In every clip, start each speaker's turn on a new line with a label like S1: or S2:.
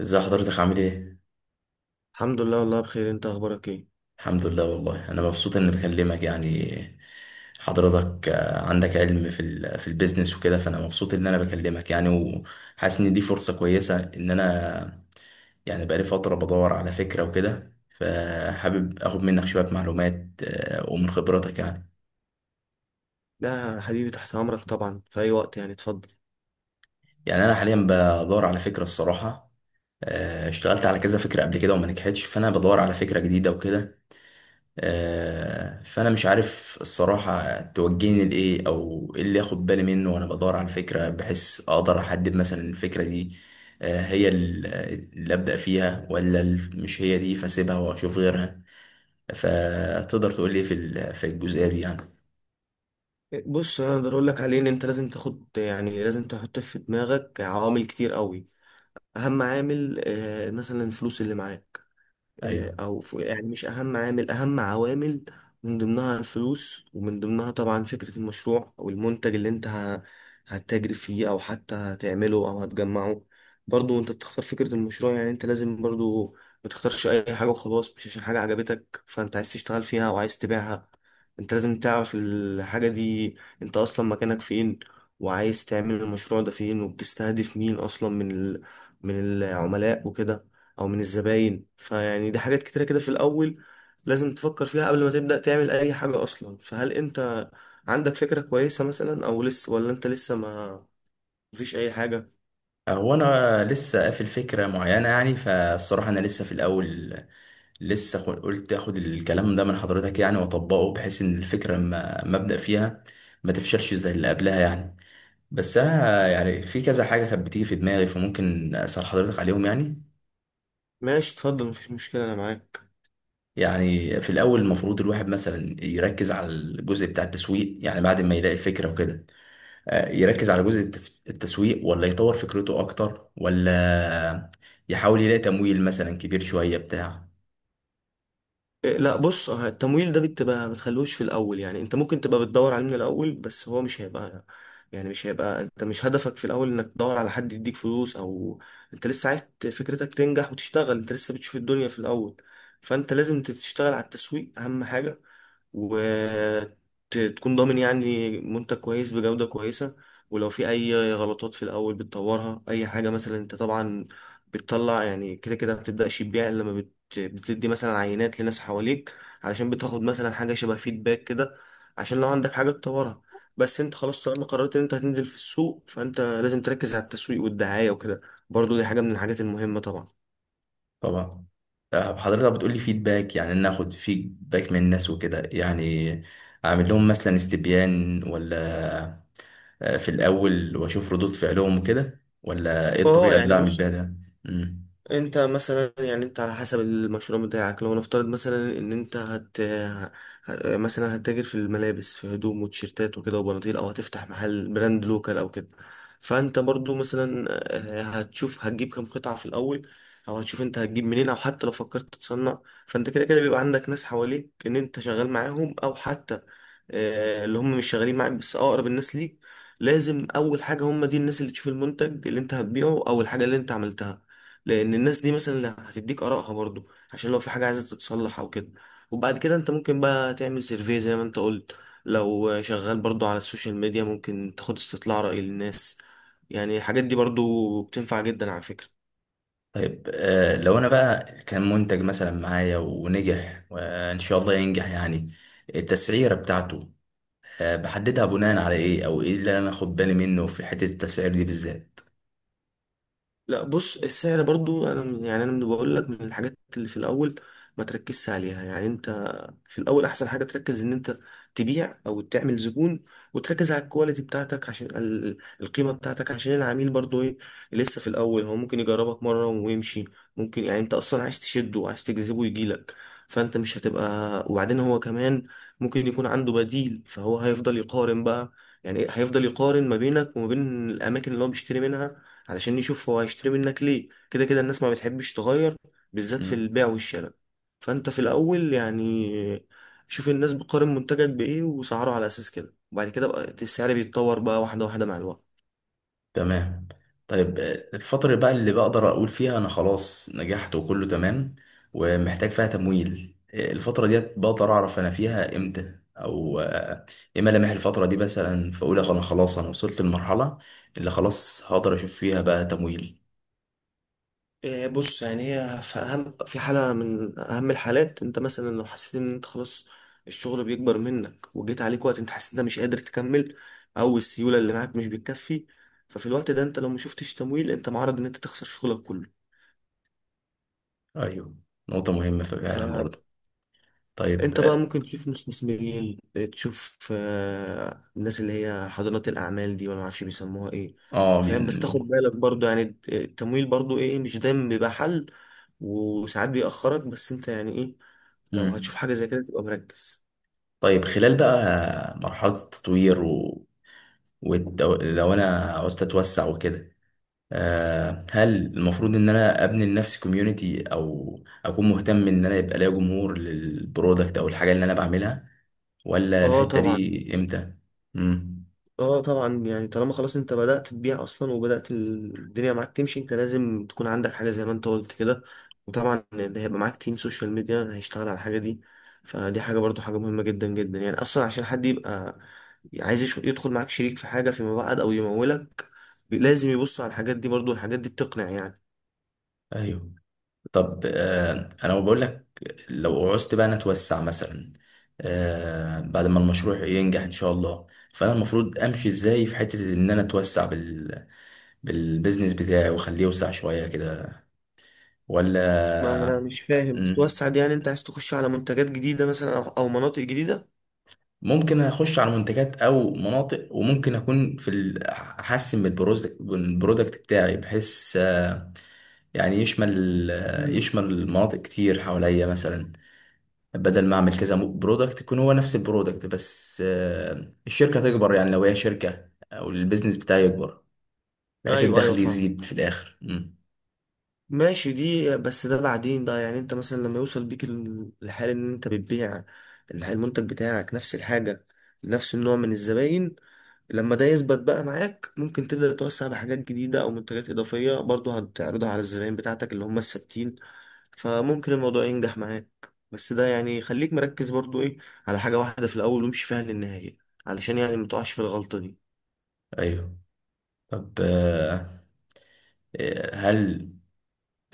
S1: ازي حضرتك عامل ايه؟
S2: الحمد لله والله بخير، انت اخبارك ايه؟
S1: الحمد لله والله انا مبسوط اني بكلمك يعني. حضرتك عندك علم في البيزنس وكده، فانا مبسوط ان انا بكلمك يعني، وحاسس ان دي فرصة كويسة ان انا يعني بقالي فترة بدور على فكرة وكده، فحابب اخد منك شوية معلومات ومن خبرتك يعني.
S2: لا يا حبيبي، تحت امرك طبعا في اي وقت، يعني اتفضل.
S1: يعني انا حاليا بدور على فكرة الصراحة. اشتغلت على كذا فكرة قبل كده وما نجحتش، فانا بدور على فكرة جديدة وكده. فانا مش عارف الصراحه توجهني لايه او ايه اللي اخد بالي منه وانا بدور على الفكره، بحيث اقدر احدد مثلا الفكره دي آه، هي ال- اللي ابدا فيها، ولا مش هي دي فاسيبها واشوف غيرها. فتقدر تقول لي في الجزئيه دي يعني.
S2: بص، انا اقدر اقول لك عليه ان انت لازم تاخد، يعني لازم تحط في دماغك عوامل كتير قوي. اهم عامل مثلا الفلوس اللي معاك.
S1: ايوه.
S2: يعني مش اهم عامل، اهم عوامل، من ضمنها الفلوس ومن ضمنها طبعا فكرة المشروع او المنتج اللي انت هتتاجر فيه او حتى هتعمله او هتجمعه. برضو انت بتختار فكرة المشروع، يعني انت لازم برضو ما تختارش اي حاجة وخلاص مش عشان حاجة عجبتك فانت عايز تشتغل فيها او عايز تبيعها. انت لازم تعرف الحاجة دي، انت اصلا مكانك فين، وعايز تعمل المشروع ده فين، وبتستهدف مين اصلا من من العملاء وكده، او من الزباين. فيعني دي حاجات كتيرة كده في الاول لازم تفكر فيها قبل ما تبدأ تعمل اي حاجة اصلا. فهل انت عندك فكرة كويسة مثلا، او لسه، ولا انت لسه ما مفيش اي حاجة؟
S1: هو انا لسه قافل فكره معينه يعني، فالصراحه انا لسه في الاول. قلت اخد الكلام ده من حضرتك يعني واطبقه، بحيث ان الفكره لما ما ابدا فيها ما تفشلش زي اللي قبلها يعني. بس انا يعني في كذا حاجه كانت بتيجي في دماغي، فممكن اسال حضرتك عليهم يعني.
S2: ماشي، اتفضل، مفيش مشكلة، انا معاك.
S1: يعني في الاول المفروض الواحد مثلا يركز على الجزء بتاع التسويق يعني، بعد ما يلاقي الفكره وكده؟ يركز على جزء التسويق، ولا يطور فكرته اكتر، ولا يحاول يلاقي تمويل مثلا كبير شويه بتاع؟
S2: لا بص، التمويل ده بتبقى ما تخلوش في الاول، يعني انت ممكن تبقى بتدور عليه من الاول بس هو مش هيبقى، يعني مش هيبقى انت مش هدفك في الاول انك تدور على حد يديك فلوس، او انت لسه عايز فكرتك تنجح وتشتغل، انت لسه بتشوف الدنيا في الاول. فانت لازم تشتغل على التسويق، اهم حاجة، وتكون ضامن يعني منتج كويس بجودة كويسة. ولو في أي غلطات في الأول بتطورها أي حاجة، مثلا أنت طبعا بتطلع يعني كده كده ما بتبدأش تبيع إلا لما بتدي مثلا عينات لناس حواليك، علشان بتاخد مثلا حاجة شبه فيدباك كده، عشان لو عندك حاجة تطورها. بس انت خلاص طالما قررت ان انت هتنزل في السوق، فانت لازم تركز على التسويق والدعاية وكده. برضو دي حاجة من الحاجات المهمة طبعا.
S1: طبعا. حضرتك بتقولي فيدباك، يعني ان اخد فيدباك من الناس وكده يعني؟ اعمل لهم مثلا استبيان، ولا في الأول وأشوف ردود فعلهم وكده، ولا إيه
S2: اه
S1: الطريقة
S2: يعني
S1: اللي أعمل
S2: بص،
S1: بيها ده؟ مم.
S2: انت مثلا، يعني انت على حسب المشروع بتاعك، لو نفترض مثلا ان انت مثلا هتتاجر في الملابس، في هدوم وتيشيرتات وكده وبناطيل، او هتفتح محل براند لوكال او كده، فانت برضو مثلا هتشوف هتجيب كام قطعة في الاول، او هتشوف انت هتجيب منين، او حتى لو فكرت تصنع. فانت كده كده بيبقى عندك ناس حواليك ان انت شغال معاهم، او حتى اللي هم مش شغالين معاك بس اقرب الناس ليك. لازم اول حاجه هم دي الناس اللي تشوف المنتج اللي انت هتبيعه او الحاجه اللي انت عملتها، لان الناس دي مثلا اللي هتديك ارائها برضو، عشان لو في حاجه عايزه تتصلح او كده. وبعد كده انت ممكن بقى تعمل سيرفي زي ما انت قلت، لو شغال برضو على السوشيال ميديا ممكن تاخد استطلاع رأي للناس. يعني الحاجات دي برضو بتنفع جدا على فكرة.
S1: طيب لو أنا بقى كان منتج مثلا معايا ونجح وإن شاء الله ينجح يعني، التسعيرة بتاعته بحددها بناء على إيه، أو إيه اللي أنا آخد بالي منه في حتة التسعير دي بالذات؟
S2: لا بص، السعر برضو انا يعني انا بقول لك من الحاجات اللي في الاول ما تركزش عليها. يعني انت في الاول احسن حاجه تركز ان انت تبيع او تعمل زبون، وتركز على الكواليتي بتاعتك عشان القيمه بتاعتك، عشان العميل برضو ايه، لسه في الاول هو ممكن يجربك مره ويمشي، ممكن، يعني انت اصلا عايز تشده وعايز تجذبه يجيلك. فانت مش هتبقى، وبعدين هو كمان ممكن يكون عنده بديل فهو هيفضل يقارن بقى. يعني إيه؟ هيفضل يقارن ما بينك وما بين الاماكن اللي هو بيشتري منها، علشان يشوف هو هيشتري منك ليه. كده كده الناس ما بتحبش تغير، بالذات في البيع والشراء. فانت في الاول يعني شوف الناس بتقارن منتجك بايه وسعره على اساس كده، وبعد كده بقى السعر بيتطور بقى واحده واحده مع الوقت.
S1: تمام. طيب الفترة بقى اللي بقدر أقول فيها أنا خلاص نجحت وكله تمام ومحتاج فيها تمويل، الفترة ديت بقدر أعرف أنا فيها إمتى، أو إيه ملامح الفترة دي مثلا، فأقول أنا خلاص أنا وصلت للمرحلة اللي خلاص هقدر أشوف فيها بقى تمويل؟
S2: بص، يعني هي في اهم في حاله من اهم الحالات، انت مثلا لو حسيت ان انت خلاص الشغل بيكبر منك، وجيت عليك وقت انت حسيت إن انت مش قادر تكمل، او السيوله اللي معاك مش بتكفي، ففي الوقت ده انت لو مشوفتش تمويل انت معرض ان انت تخسر شغلك كله.
S1: أيوه، نقطة مهمة
S2: ف
S1: فعلا برضه. طيب
S2: انت بقى ممكن تشوف مستثمرين، تشوف الناس اللي هي حاضنات الاعمال دي، ولا معرفش بيسموها ايه.
S1: آه،
S2: فاهم؟ بس تاخد
S1: بين-
S2: بالك برضو، يعني التمويل برضو ايه، مش دايما بيبقى حل، وساعات بيأخرك، بس انت يعني ايه، لو هتشوف
S1: مم.
S2: حاجة زي كده تبقى مركز.
S1: طيب خلال بقى مرحلة التطوير لو أنا عاوز أتوسع وكده، هل المفروض ان انا ابني لنفسي كوميونتي، او اكون مهتم ان انا يبقى ليا جمهور للبرودكت او الحاجه اللي انا بعملها، ولا
S2: اه
S1: الحته
S2: طبعا.
S1: دي امتى؟ امم.
S2: اه طبعا، يعني طالما خلاص انت بدأت تبيع اصلا وبدأت الدنيا معاك تمشي، انت لازم تكون عندك حاجة زي ما انت قلت كده، وطبعا ده هيبقى معاك تيم سوشيال ميديا هيشتغل على الحاجة دي. فدي حاجة برضو، حاجة مهمة جدا جدا، يعني اصلا عشان حد يبقى عايز يدخل معاك شريك في حاجة فيما بعد او يمولك لازم يبص على الحاجات دي، برضو الحاجات دي بتقنع يعني.
S1: ايوه. طب انا بقول لك، لو عوزت بقى انا اتوسع مثلا بعد ما المشروع ينجح ان شاء الله، فانا المفروض امشي ازاي في حته ان انا اتوسع بالبيزنس بتاعي واخليه يوسع شويه كده،
S2: ما انا
S1: ولا؟
S2: مش فاهم
S1: مم.
S2: تتوسع دي، يعني انت عايز تخش على منتجات جديدة مثلا، او أو مناطق جديدة؟
S1: ممكن اخش على منتجات او مناطق، وممكن اكون احسن من من البرودكت بتاعي، بحيث يعني يشمل
S2: مم.
S1: يشمل مناطق كتير حواليا مثلا، بدل ما اعمل كذا برودكت يكون هو نفس البرودكت، بس الشركة تكبر، يعني لو هي شركة او البيزنس بتاعي يكبر بحيث
S2: ايوه ايوه
S1: الدخل
S2: فاهمك،
S1: يزيد في الاخر. مم.
S2: ماشي. دي بس ده بعدين بقى، يعني انت مثلا لما يوصل بيك الحال ان انت بتبيع المنتج بتاعك نفس الحاجة، نفس النوع من الزباين، لما ده يثبت بقى معاك، ممكن تبدأ توسع بحاجات جديدة او منتجات اضافية برضه هتعرضها على الزباين بتاعتك اللي هم الثابتين، فممكن الموضوع ينجح معاك. بس ده يعني خليك مركز برضه ايه، على حاجة واحدة في الاول وامشي فيها للنهاية، علشان يعني متقعش في الغلطة دي.
S1: ايوه. طب هل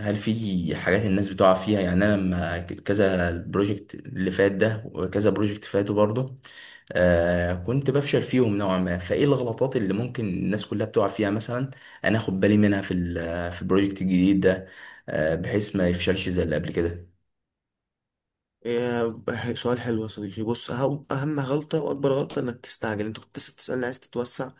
S1: هل في حاجات الناس بتقع فيها يعني؟ انا لما كذا البروجكت اللي فات ده وكذا بروجكت فاتوا برضه، كنت بفشل فيهم نوعا ما، فايه الغلطات اللي ممكن الناس كلها بتقع فيها مثلا انا اخد بالي منها في البروجكت الجديد ده، بحيث ما يفشلش زي اللي قبل كده؟
S2: إيه، سؤال حلو يا صديقي. بص، أهم أهم غلطة وأكبر غلطة إنك تستعجل. أنت كنت لسه بتسألني عايز تتوسع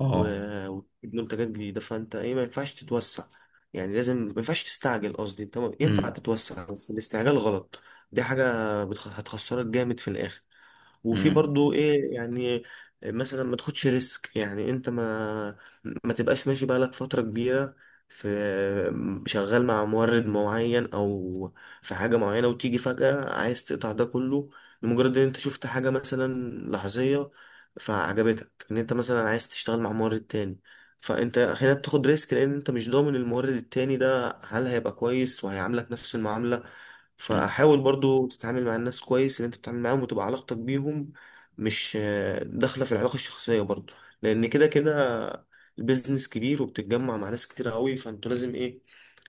S1: اه.
S2: وتجيب منتجات جديدة، فأنت إيه، ما ينفعش تتوسع، يعني لازم ما ينفعش تستعجل. قصدي أنت ينفع
S1: امم.
S2: تتوسع بس الاستعجال غلط. دي حاجة هتخسرك جامد في الآخر. وفي
S1: امم.
S2: برضو إيه يعني، مثلا ما تاخدش ريسك، يعني أنت ما تبقاش ماشي بقالك فترة كبيرة في شغال مع مورد معين، أو في حاجة معينة، وتيجي فجأة عايز تقطع ده كله لمجرد ان انت شفت حاجة مثلا لحظية فعجبتك ان انت مثلا عايز تشتغل مع مورد تاني. فانت هنا بتاخد ريسك لان انت مش ضامن المورد التاني ده هل هيبقى كويس وهيعاملك نفس المعاملة.
S1: أمم.
S2: فحاول برضو تتعامل مع الناس كويس، اللي انت بتتعامل معاهم وتبقى علاقتك بيهم مش داخلة في العلاقة الشخصية برضو، لأن كده كده البيزنس كبير وبتتجمع مع ناس كتير قوي، فانتوا لازم ايه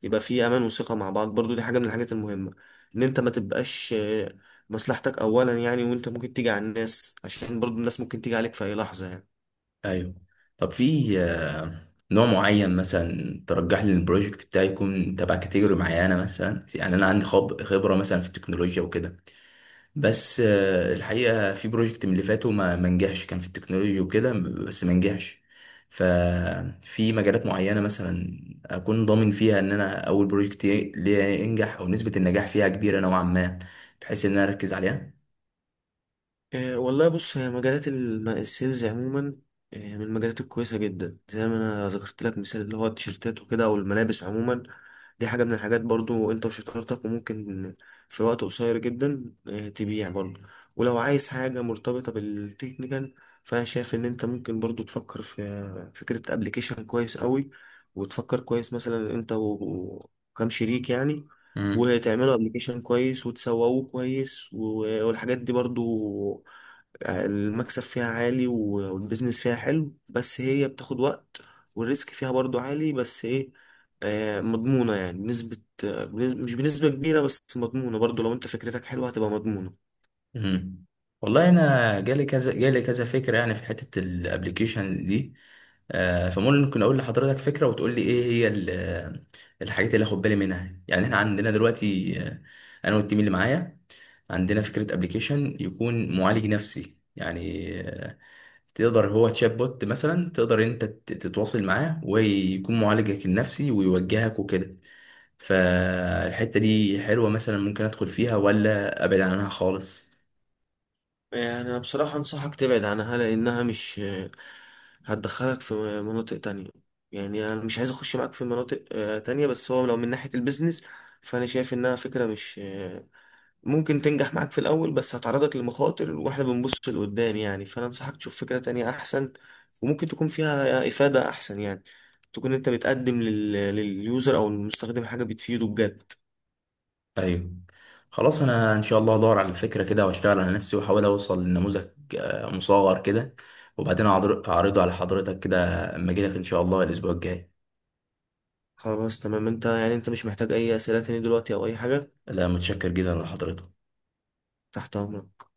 S2: يبقى في أمان وثقة مع بعض. برضو دي حاجة من الحاجات المهمة، إن أنت ما تبقاش مصلحتك أولا، يعني وأنت ممكن تيجي على الناس، عشان برضو الناس ممكن تيجي عليك في أي لحظة يعني.
S1: ايوه. طب في نوع معين مثلا ترجح لي البروجكت بتاعي يكون تبع كاتيجوري معينه مثلا؟ يعني انا عندي خبره مثلا في التكنولوجيا وكده، بس الحقيقة في بروجكت من اللي فاتوا ما نجحش، كان في التكنولوجيا وكده بس ما نجحش. ففي مجالات معينة مثلا أكون ضامن فيها إن أنا أول بروجكت ليا ينجح، أو نسبة النجاح فيها كبيرة نوعا ما، بحيث إن أنا أركز عليها.
S2: والله بص، هي مجالات السيلز عموما من المجالات الكويسة جدا، زي ما انا ذكرت لك مثال اللي هو التيشيرتات وكده او الملابس عموما. دي حاجة من الحاجات، برضو انت وشطارتك، وممكن في وقت قصير جدا تبيع برضو. ولو عايز حاجة مرتبطة بالتكنيكال، فانا شايف ان انت ممكن برضو تفكر في فكرة ابلكيشن كويس قوي، وتفكر كويس مثلا انت وكم شريك يعني، وتعملوا ابلكيشن كويس وتسوقوه كويس، والحاجات دي برضو المكسب فيها عالي والبيزنس فيها حلو، بس هي بتاخد وقت، والريسك فيها برضو عالي. بس ايه، مضمونة يعني بنسبة، مش بنسبة كبيرة، بس مضمونة برضو. لو انت فكرتك حلوة هتبقى مضمونة.
S1: مم. والله انا جالي جالي كذا فكره يعني في حته الابلكيشن دي، فممكن اقول لحضرتك فكره وتقول لي ايه هي الحاجات اللي اخد بالي منها يعني. احنا عندنا دلوقتي انا والتيم اللي معايا عندنا فكره ابلكيشن يكون معالج نفسي يعني، تقدر هو تشات بوت مثلا، تقدر انت تتواصل معاه ويكون معالجك النفسي ويوجهك وكده. فالحته دي حلوه مثلا ممكن ادخل فيها، ولا ابعد عنها خالص؟
S2: يعني انا بصراحة انصحك تبعد عنها، لانها مش هتدخلك في مناطق تانية. يعني انا مش عايز اخش معاك في مناطق تانية، بس هو لو من ناحية البيزنس فانا شايف انها فكرة مش ممكن تنجح معاك في الأول، بس هتعرضك لمخاطر، واحنا بنبص لقدام يعني. فأنا أنصحك تشوف فكرة تانية أحسن، وممكن تكون فيها إفادة أحسن، يعني تكون أنت بتقدم لليوزر أو المستخدم حاجة بتفيده بجد.
S1: ايوه، خلاص. انا ان شاء الله ادور على الفكره كده واشتغل على نفسي واحاول اوصل لنموذج مصغر كده، وبعدين اعرضه على حضرتك كده اما اجي لك ان شاء الله الاسبوع الجاي.
S2: خلاص تمام، أنت يعني أنت مش محتاج أي أسئلة تاني دلوقتي أو أي حاجة؟
S1: لا، متشكر جدا لحضرتك.
S2: تحت أمرك.